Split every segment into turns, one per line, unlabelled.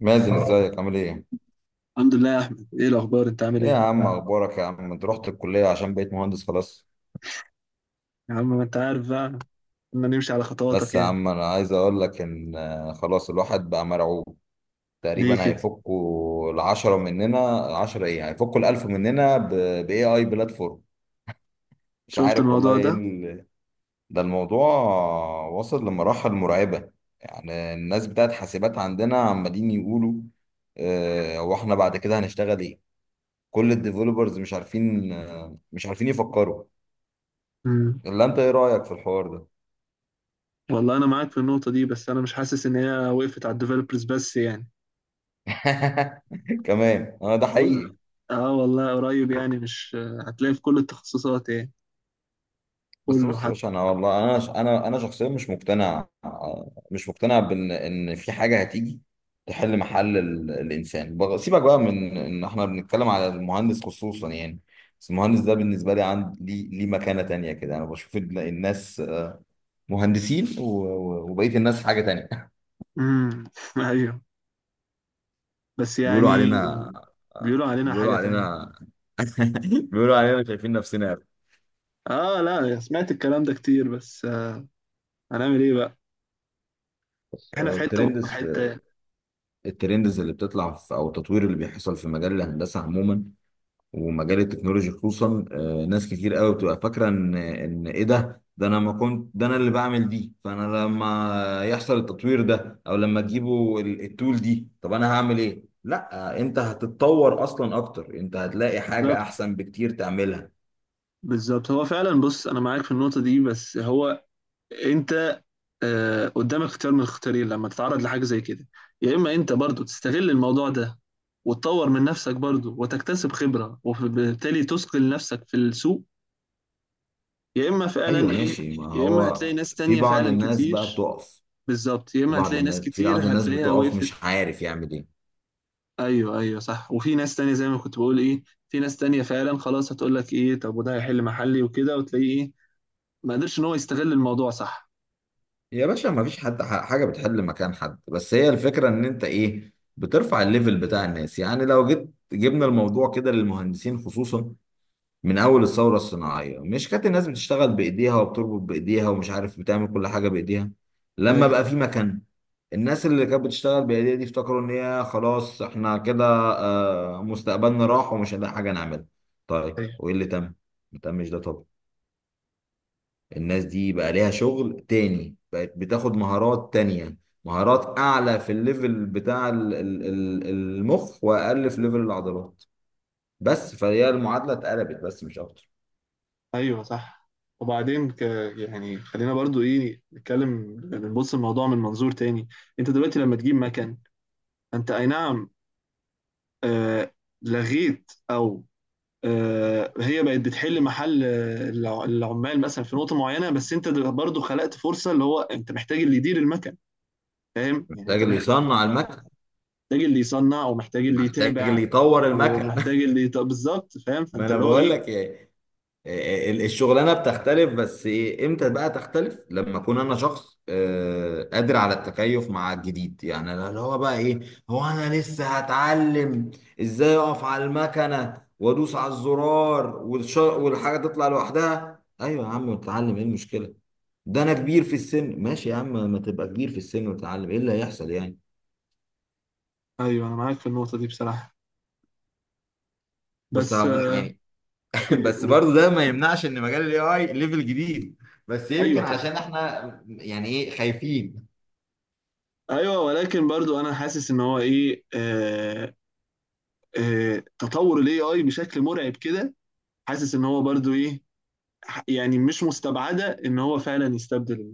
مازن، ازيك عامل ايه؟
الحمد لله يا احمد، ايه الاخبار؟ انت عامل
ايه يا
ايه؟
عم، اخبارك يا عم؟ انت رحت الكلية عشان بقيت مهندس خلاص.
يا عم ما انت عارف بقى، كنا نمشي على
بس
خطواتك
يا
يعني
عم، انا عايز اقول لك ان خلاص الواحد بقى مرعوب.
ليه
تقريبا
كده
هيفكوا العشرة مننا، العشرة ايه، هيفكوا الالف مننا باي اي بلاتفورم. مش
شفت
عارف والله
الموضوع
ايه
ده.
ده الموضوع وصل لمراحل مرعبة. يعني الناس بتاعت حاسبات عندنا عمالين يقولوا هو احنا بعد كده هنشتغل ايه؟ كل الديفلوبرز مش عارفين يفكروا.
امم
اللي انت ايه رايك في الحوار ده؟
والله انا معاك في النقطه دي، بس انا مش حاسس ان هي وقفت على الديفلوبرز بس يعني.
كمان انا ده
كل
حقيقي.
اه والله قريب، يعني مش هتلاقي في كل التخصصات يعني.
بس
كله
بص يا
حتى
باشا، انا والله انا ش- انا انا شخصيا مش مقتنع آه، مش مقتنع بان في حاجه هتيجي تحل محل الانسان سيبك بقى من ان احنا بنتكلم على المهندس خصوصا يعني. بس المهندس ده بالنسبه لي، عندي ليه مكانه تانية كده. انا بشوف الناس مهندسين وبقيه الناس حاجه تانية.
امم ايوه، بس
بيقولوا
يعني
علينا آه،
بيقولوا علينا
بيقولوا
حاجه تانية.
علينا بيقولوا علينا شايفين نفسنا.
اه لا، سمعت الكلام ده كتير، بس هنعمل ايه بقى؟ احنا
آه،
في حته
الترند
وهم في حته يعني.
الترندز اللي بتطلع، في او التطوير اللي بيحصل في مجال الهندسه عموما ومجال التكنولوجي خصوصا. ناس كتير قوي بتبقى فاكره ان ايه، ده انا ما كنت، ده انا اللي بعمل دي. فانا لما يحصل التطوير ده او لما تجيبوا التول دي، طب انا هعمل ايه؟ لا، انت هتتطور اصلا اكتر، انت هتلاقي حاجه
بالظبط،
احسن بكتير تعملها.
بالظبط. هو فعلا، بص انا معاك في النقطه دي، بس هو انت آه، قدامك اختيار من الاختيارين لما تتعرض لحاجه زي كده. يا اما انت برضو تستغل الموضوع ده، وتطور من نفسك برضو، وتكتسب خبره، وبالتالي تثقل نفسك في السوق. يا اما فعلا
ايوه
ايه
ماشي، ما
يا اما هتلاقي
هو
ناس
في
تانية
بعض
فعلا
الناس بقى
كتير.
بتقف.
بالظبط، يا اما هتلاقي ناس
في
كتير
بعض الناس
هتلاقيها
بتقف
وقفت.
مش عارف يعمل ايه.
ايوه، صح. وفي ناس تانية زي ما كنت بقول في ناس تانية فعلا خلاص هتقول لك ايه، طب وده هيحل محلي وكده، وتلاقيه ما قدرش ان هو يستغل الموضوع. صح،
يا باشا، ما فيش حد حاجة بتحل مكان حد. بس هي الفكرة ان انت ايه، بترفع الليفل بتاع الناس. يعني لو جيت جبنا الموضوع كده للمهندسين خصوصا، من اول الثورة الصناعية مش كانت الناس بتشتغل بايديها وبتربط بايديها ومش عارف بتعمل كل حاجة بايديها. لما
ايوه
بقى في مكان، الناس اللي كانت بتشتغل بايديها دي افتكروا ان هي خلاص، احنا كده مستقبلنا راح ومش هنلاقي حاجة نعملها. طيب،
ايوه
وايه اللي تم؟ ما تمش ده طبعا. الناس دي بقى ليها شغل تاني، بقت بتاخد مهارات تانية. مهارات أعلى في الليفل بتاع المخ وأقل في ليفل العضلات. بس فهي المعادلة اتقلبت بس مش أكتر.
ايوه، صح. وبعدين يعني خلينا برضو نتكلم، نبص الموضوع من منظور تاني. انت دلوقتي لما تجيب مكن، انت اي نعم، آه لغيت، او هي بقت بتحل محل العمال مثلا في نقطة معينة، بس انت برضو خلقت فرصة، اللي هو انت محتاج اللي يدير المكن، فاهم؟ يعني
محتاج
انت
اللي
محتاج
يصنع المكن،
اللي يصنع، ومحتاج اللي
محتاج
يتابع،
اللي يطور المكن.
ومحتاج بالظبط، فاهم.
ما
فانت
أنا
اللي هو
بقول لك إيه، الشغلانه بتختلف. بس إيه، امتى بقى تختلف؟ لما اكون انا شخص قادر على التكيف مع الجديد. يعني أنا اللي هو بقى ايه، هو انا لسه هتعلم ازاي اقف على المكنه وادوس على الزرار والحاجه تطلع لوحدها؟ ايوه يا عم، اتعلم، ايه المشكله؟ ده انا كبير في السن. ماشي يا عم، ما تبقى كبير في السن وتتعلم، ايه اللي هيحصل يعني؟
ايوه انا معاك في النقطة دي بصراحة،
بس
بس
يعني، بس
إيه-
برضه ده ما يمنعش ان مجال الاي اي ليفل جديد. بس
ايوه
يمكن
طبعا.
عشان احنا يعني ايه، خايفين.
ايوه، ولكن برضو انا حاسس ان هو ايه آه آه تطور الاي اي بشكل مرعب كده. حاسس ان هو برضو يعني مش مستبعده ان هو فعلا يستبدل،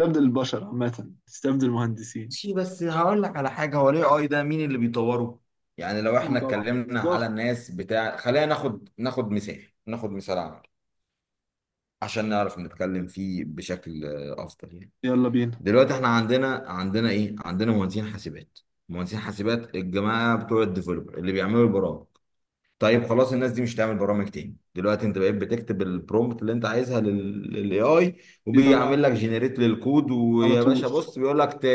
يستبدل البشر عامه، يستبدل المهندسين.
ماشي، بس هقول لك على حاجة. هو الاي اي ده مين اللي بيطوره؟ يعني لو
آه
احنا
طبعا،
اتكلمنا على
بالظبط.
الناس بتاع، خلينا ناخد مثال، ناخد مثال عملي عشان نعرف نتكلم فيه بشكل افضل يعني.
يلا بينا.
دلوقتي احنا عندنا ايه؟ عندنا مهندسين حاسبات. مهندسين حاسبات الجماعة بتوع الديفلوبر اللي بيعملوا البرامج. طيب خلاص، الناس دي مش هتعمل برامج تاني. دلوقتي انت بقيت بتكتب البرومبت اللي انت عايزها للاي اي
بيطلع
وبيعمل لك جنريت للكود،
على
ويا
طول.
باشا بص بيقول لك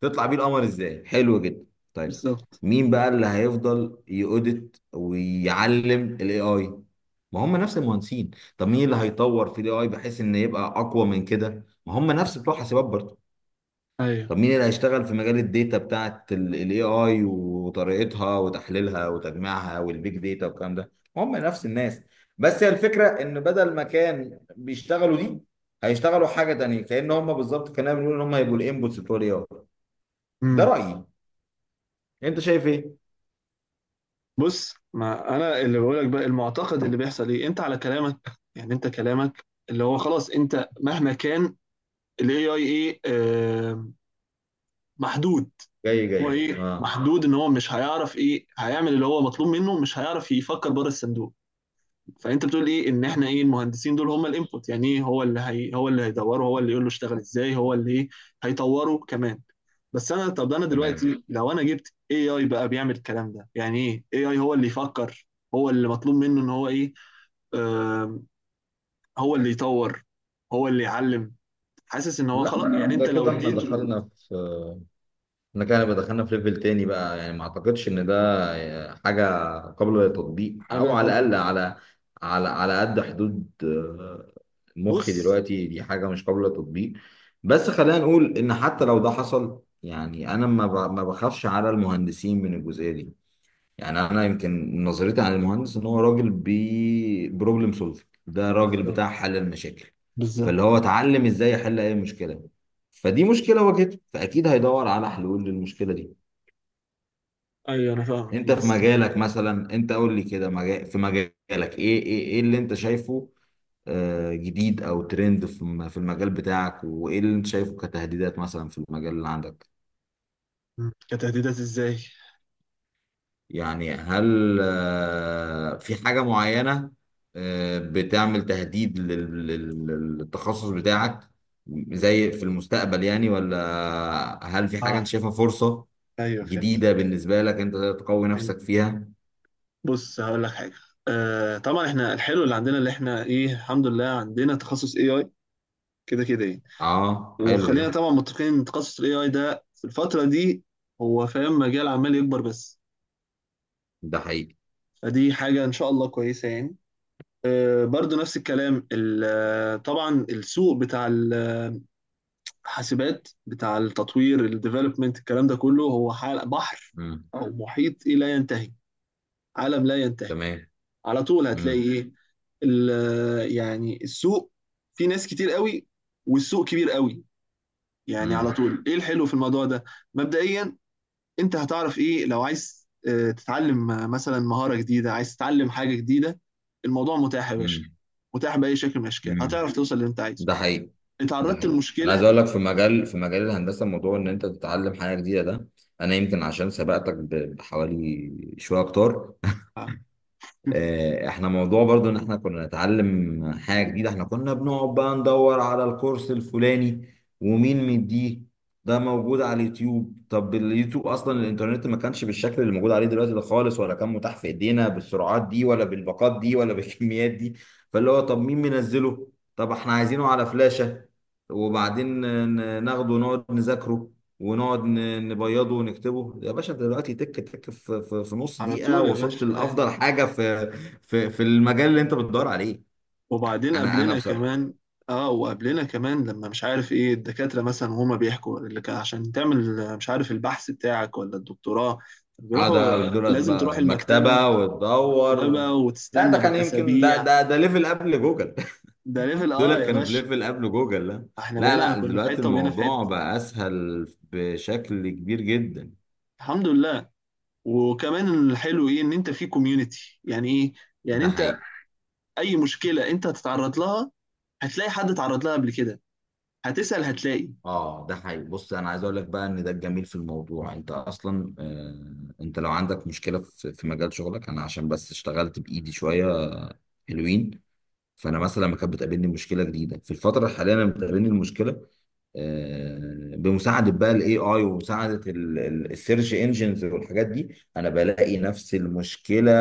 تطلع بيه القمر. ازاي؟ حلو جدا. طيب،
بالظبط.
مين بقى اللي هيفضل يؤدت ويعلم الاي اي؟ ما هم نفس المهندسين. طب مين اللي هيطور في الاي اي بحيث ان يبقى اقوى من كده؟ ما هم نفس بتوع حاسبات برضه.
ايوه.
طب مين اللي هيشتغل في مجال الداتا بتاعت الاي اي وطريقتها وتحليلها وتجميعها والبيج داتا والكلام ده؟ هم نفس الناس. بس هي الفكره ان بدل ما كان بيشتغلوا دي، هيشتغلوا حاجه تانيه. كأن هم بالظبط، كنا بنقول ان هم هيبقوا الانبوتس بتوع الاي اي. ده
امم
رأيي، انت شايف ايه؟
بص، ما انا اللي بقولك بقى، المعتقد اللي بيحصل انت على كلامك يعني، انت كلامك اللي هو خلاص، انت مهما كان الاي اي ايه آه محدود.
جاي
هو
جاي اه.
محدود ان هو مش هيعرف هيعمل اللي هو مطلوب منه، مش هيعرف يفكر بره الصندوق. فانت بتقول ان احنا المهندسين دول هم الانبوت، يعني ايه هو اللي هي هو اللي هيدوره، هو اللي يقول له اشتغل ازاي، هو اللي هيطوره كمان. بس انا طب انا
تمام.
دلوقتي لو انا جبت اي اي بقى بيعمل الكلام ده، يعني اي اي هو اللي يفكر، هو اللي مطلوب منه ان هو ايه آه هو اللي يطور، هو اللي يعلم. حاسس ان هو
لا،
خلاص، يعني
ده
انت لو
كده احنا
اديته
دخلنا في، احنا كده هنبقى دخلنا في ليفل تاني بقى. يعني ما اعتقدش ان ده حاجة قابلة للتطبيق،
حاجه
او على
يفكر
الاقل
فيها.
على على قد حدود مخي
بص،
دلوقتي، دي حاجة مش قابلة للتطبيق. بس خلينا نقول ان حتى لو ده حصل، يعني انا ما بخافش على المهندسين من الجزئية دي. يعني انا يمكن نظرتي عن المهندس ان هو راجل بي بروبلم سولفنج، ده راجل بتاع
بالظبط،
حل المشاكل.
بالظبط.
فاللي هو اتعلم ازاي يحل اي مشكله، فدي مشكله واجهته فاكيد هيدور على حلول للمشكله دي.
ايوه انا فاهم،
انت في
بس
مجالك مثلا، انت قول لي كده، مجال في مجالك، ايه اللي انت شايفه جديد او ترند في في المجال بتاعك؟ وايه اللي انت شايفه كتهديدات مثلا في المجال اللي عندك؟
مم، كتهديدات ازاي؟
يعني هل في حاجة معينة بتعمل تهديد للتخصص بتاعك، زي في المستقبل يعني؟ ولا هل في حاجة
اه،
انت شايفها فرصة
ايوه فهمت،
جديدة بالنسبة لك انت تقدر تقوي
فهمت.
نفسك فيها؟
بص هقول لك حاجه، آه طبعا احنا الحلو اللي عندنا اللي احنا الحمد لله عندنا تخصص اي اي كده كده يعني.
اه حلو ده.
وخلينا طبعا متفقين ان تخصص الاي اي ده في الفتره دي هو فاهم، مجال عمال يكبر بس.
ده حقيقي.
فدي حاجه ان شاء الله كويسه يعني. آه برضو نفس الكلام، طبعا السوق بتاع الحاسبات، بتاع التطوير، الديفلوبمنت، الكلام ده كله هو حال بحر
مم.
او محيط لا ينتهي، عالم لا ينتهي.
تمام.
على طول هتلاقي
مم.
يعني السوق في ناس كتير قوي، والسوق كبير قوي. يعني على
مم.
طول الحلو في الموضوع ده، مبدئيا، انت هتعرف لو عايز تتعلم مثلا مهارة جديدة، عايز تتعلم حاجة جديدة، الموضوع متاح يا باشا.
مم.
متاح بأي شكل من الأشكال،
مم.
هتعرف توصل اللي انت عايزه.
ده حقيقي. ده
اتعرضت
حقيقي. انا عايز
لمشكلة،
اقول لك، في مجال الهندسه، موضوع ان انت تتعلم حاجه جديده ده، انا يمكن عشان سبقتك بحوالي شويه اكتر. احنا موضوع برضو ان احنا كنا نتعلم حاجة جديدة، احنا كنا بنقعد بقى ندور على الكورس الفلاني ومين مديه، ده موجود على اليوتيوب؟ طب اليوتيوب اصلا، الانترنت ما كانش بالشكل اللي موجود عليه دلوقتي ده خالص، ولا كان متاح في ايدينا بالسرعات دي ولا بالباقات دي ولا بالكميات دي. فاللي هو طب مين منزله، طب احنا عايزينه على فلاشة، وبعدين ناخده ونقعد نذاكره ونقعد نبيضه ونكتبه. يا باشا، دلوقتي تك تك، في نص
على
دقيقة
طول يا
وصلت
باشا.
لأفضل حاجة في المجال اللي انت بتدور عليه. يعني
وبعدين
انا
قبلنا
بصراحه،
كمان، اه وقبلنا كمان لما مش عارف الدكاترة مثلا وهما بيحكوا اللي كان، عشان تعمل مش عارف، البحث بتاعك ولا الدكتوراه، بيروحوا
اقعد دولت
لازم تروح
بقى
المكتبة،
المكتبه وتدور
مكتبة
لا ده
وتستنى
كان يمكن ده
بالأسابيع.
ده ده ليفل قبل جوجل.
ده ليفل اه
دولت
يا
كانوا في
باشا.
ليفل قبل جوجل. لا.
احنا
لا،
بقينا
لا،
كنا في
دلوقتي
حتة وبقينا في
الموضوع
حتة.
بقى اسهل بشكل كبير جدا.
الحمد لله. وكمان الحلو ان انت في كوميونتي، يعني ايه يعني
ده
انت
حقيقي.
اي مشكلة انت هتتعرض لها، هتلاقي حد اتعرض لها قبل كده، هتسأل هتلاقي.
اه ده حقيقي. بص انا عايز اقول لك بقى ان ده الجميل في الموضوع. انت اصلا انت لو عندك مشكله في مجال شغلك، انا عشان بس اشتغلت بايدي شويه حلوين. فانا مثلا لما كانت بتقابلني مشكله جديده في الفتره الحاليه، انا بتقابلني المشكله بمساعده بقى الاي اي ومساعده السيرش انجنز والحاجات دي. انا بلاقي نفس المشكله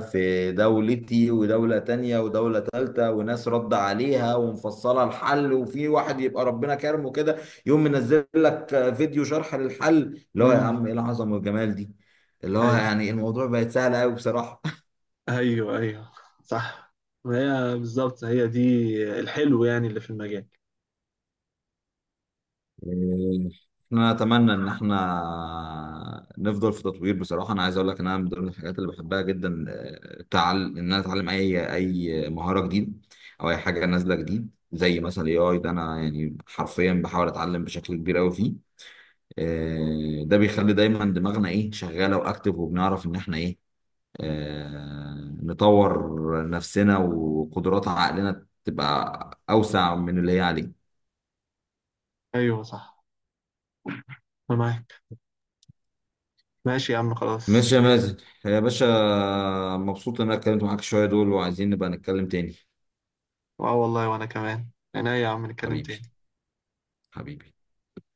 في دولتي ودوله تانية ودوله تالتة، وناس رد عليها ومفصله الحل، وفي واحد يبقى ربنا كرمه كده يقوم منزل لك فيديو شرح للحل. اللي هو يا
امم
عم، ايه العظمه والجمال دي! اللي هو
ايوه
يعني الموضوع بقت سهل قوي بصراحه.
ايوه، صح. ما هي بالظبط هي دي الحلو يعني اللي في المجال.
احنا اتمنى ان احنا نفضل في تطوير. بصراحه انا عايز اقول لك ان انا من ضمن الحاجات اللي بحبها جدا ان انا اتعلم اي اي مهاره جديده او اي حاجه نازله جديد، زي مثلا الاي اي ده. انا يعني حرفيا بحاول اتعلم بشكل كبير قوي فيه. ده بيخلي دايما دماغنا ايه، شغاله واكتف، وبنعرف ان احنا ايه، نطور نفسنا وقدرات عقلنا تبقى اوسع من اللي هي عليه.
ايوه، صح، انا معاك. ماشي يا عم، خلاص.
ماشي يا مازن يا باشا، مبسوط ان انا اتكلمت معاك شوية دول، وعايزين نبقى نتكلم تاني.
اه والله، وانا كمان. انا يا عم نتكلم
حبيبي.
تاني.
حبيبي.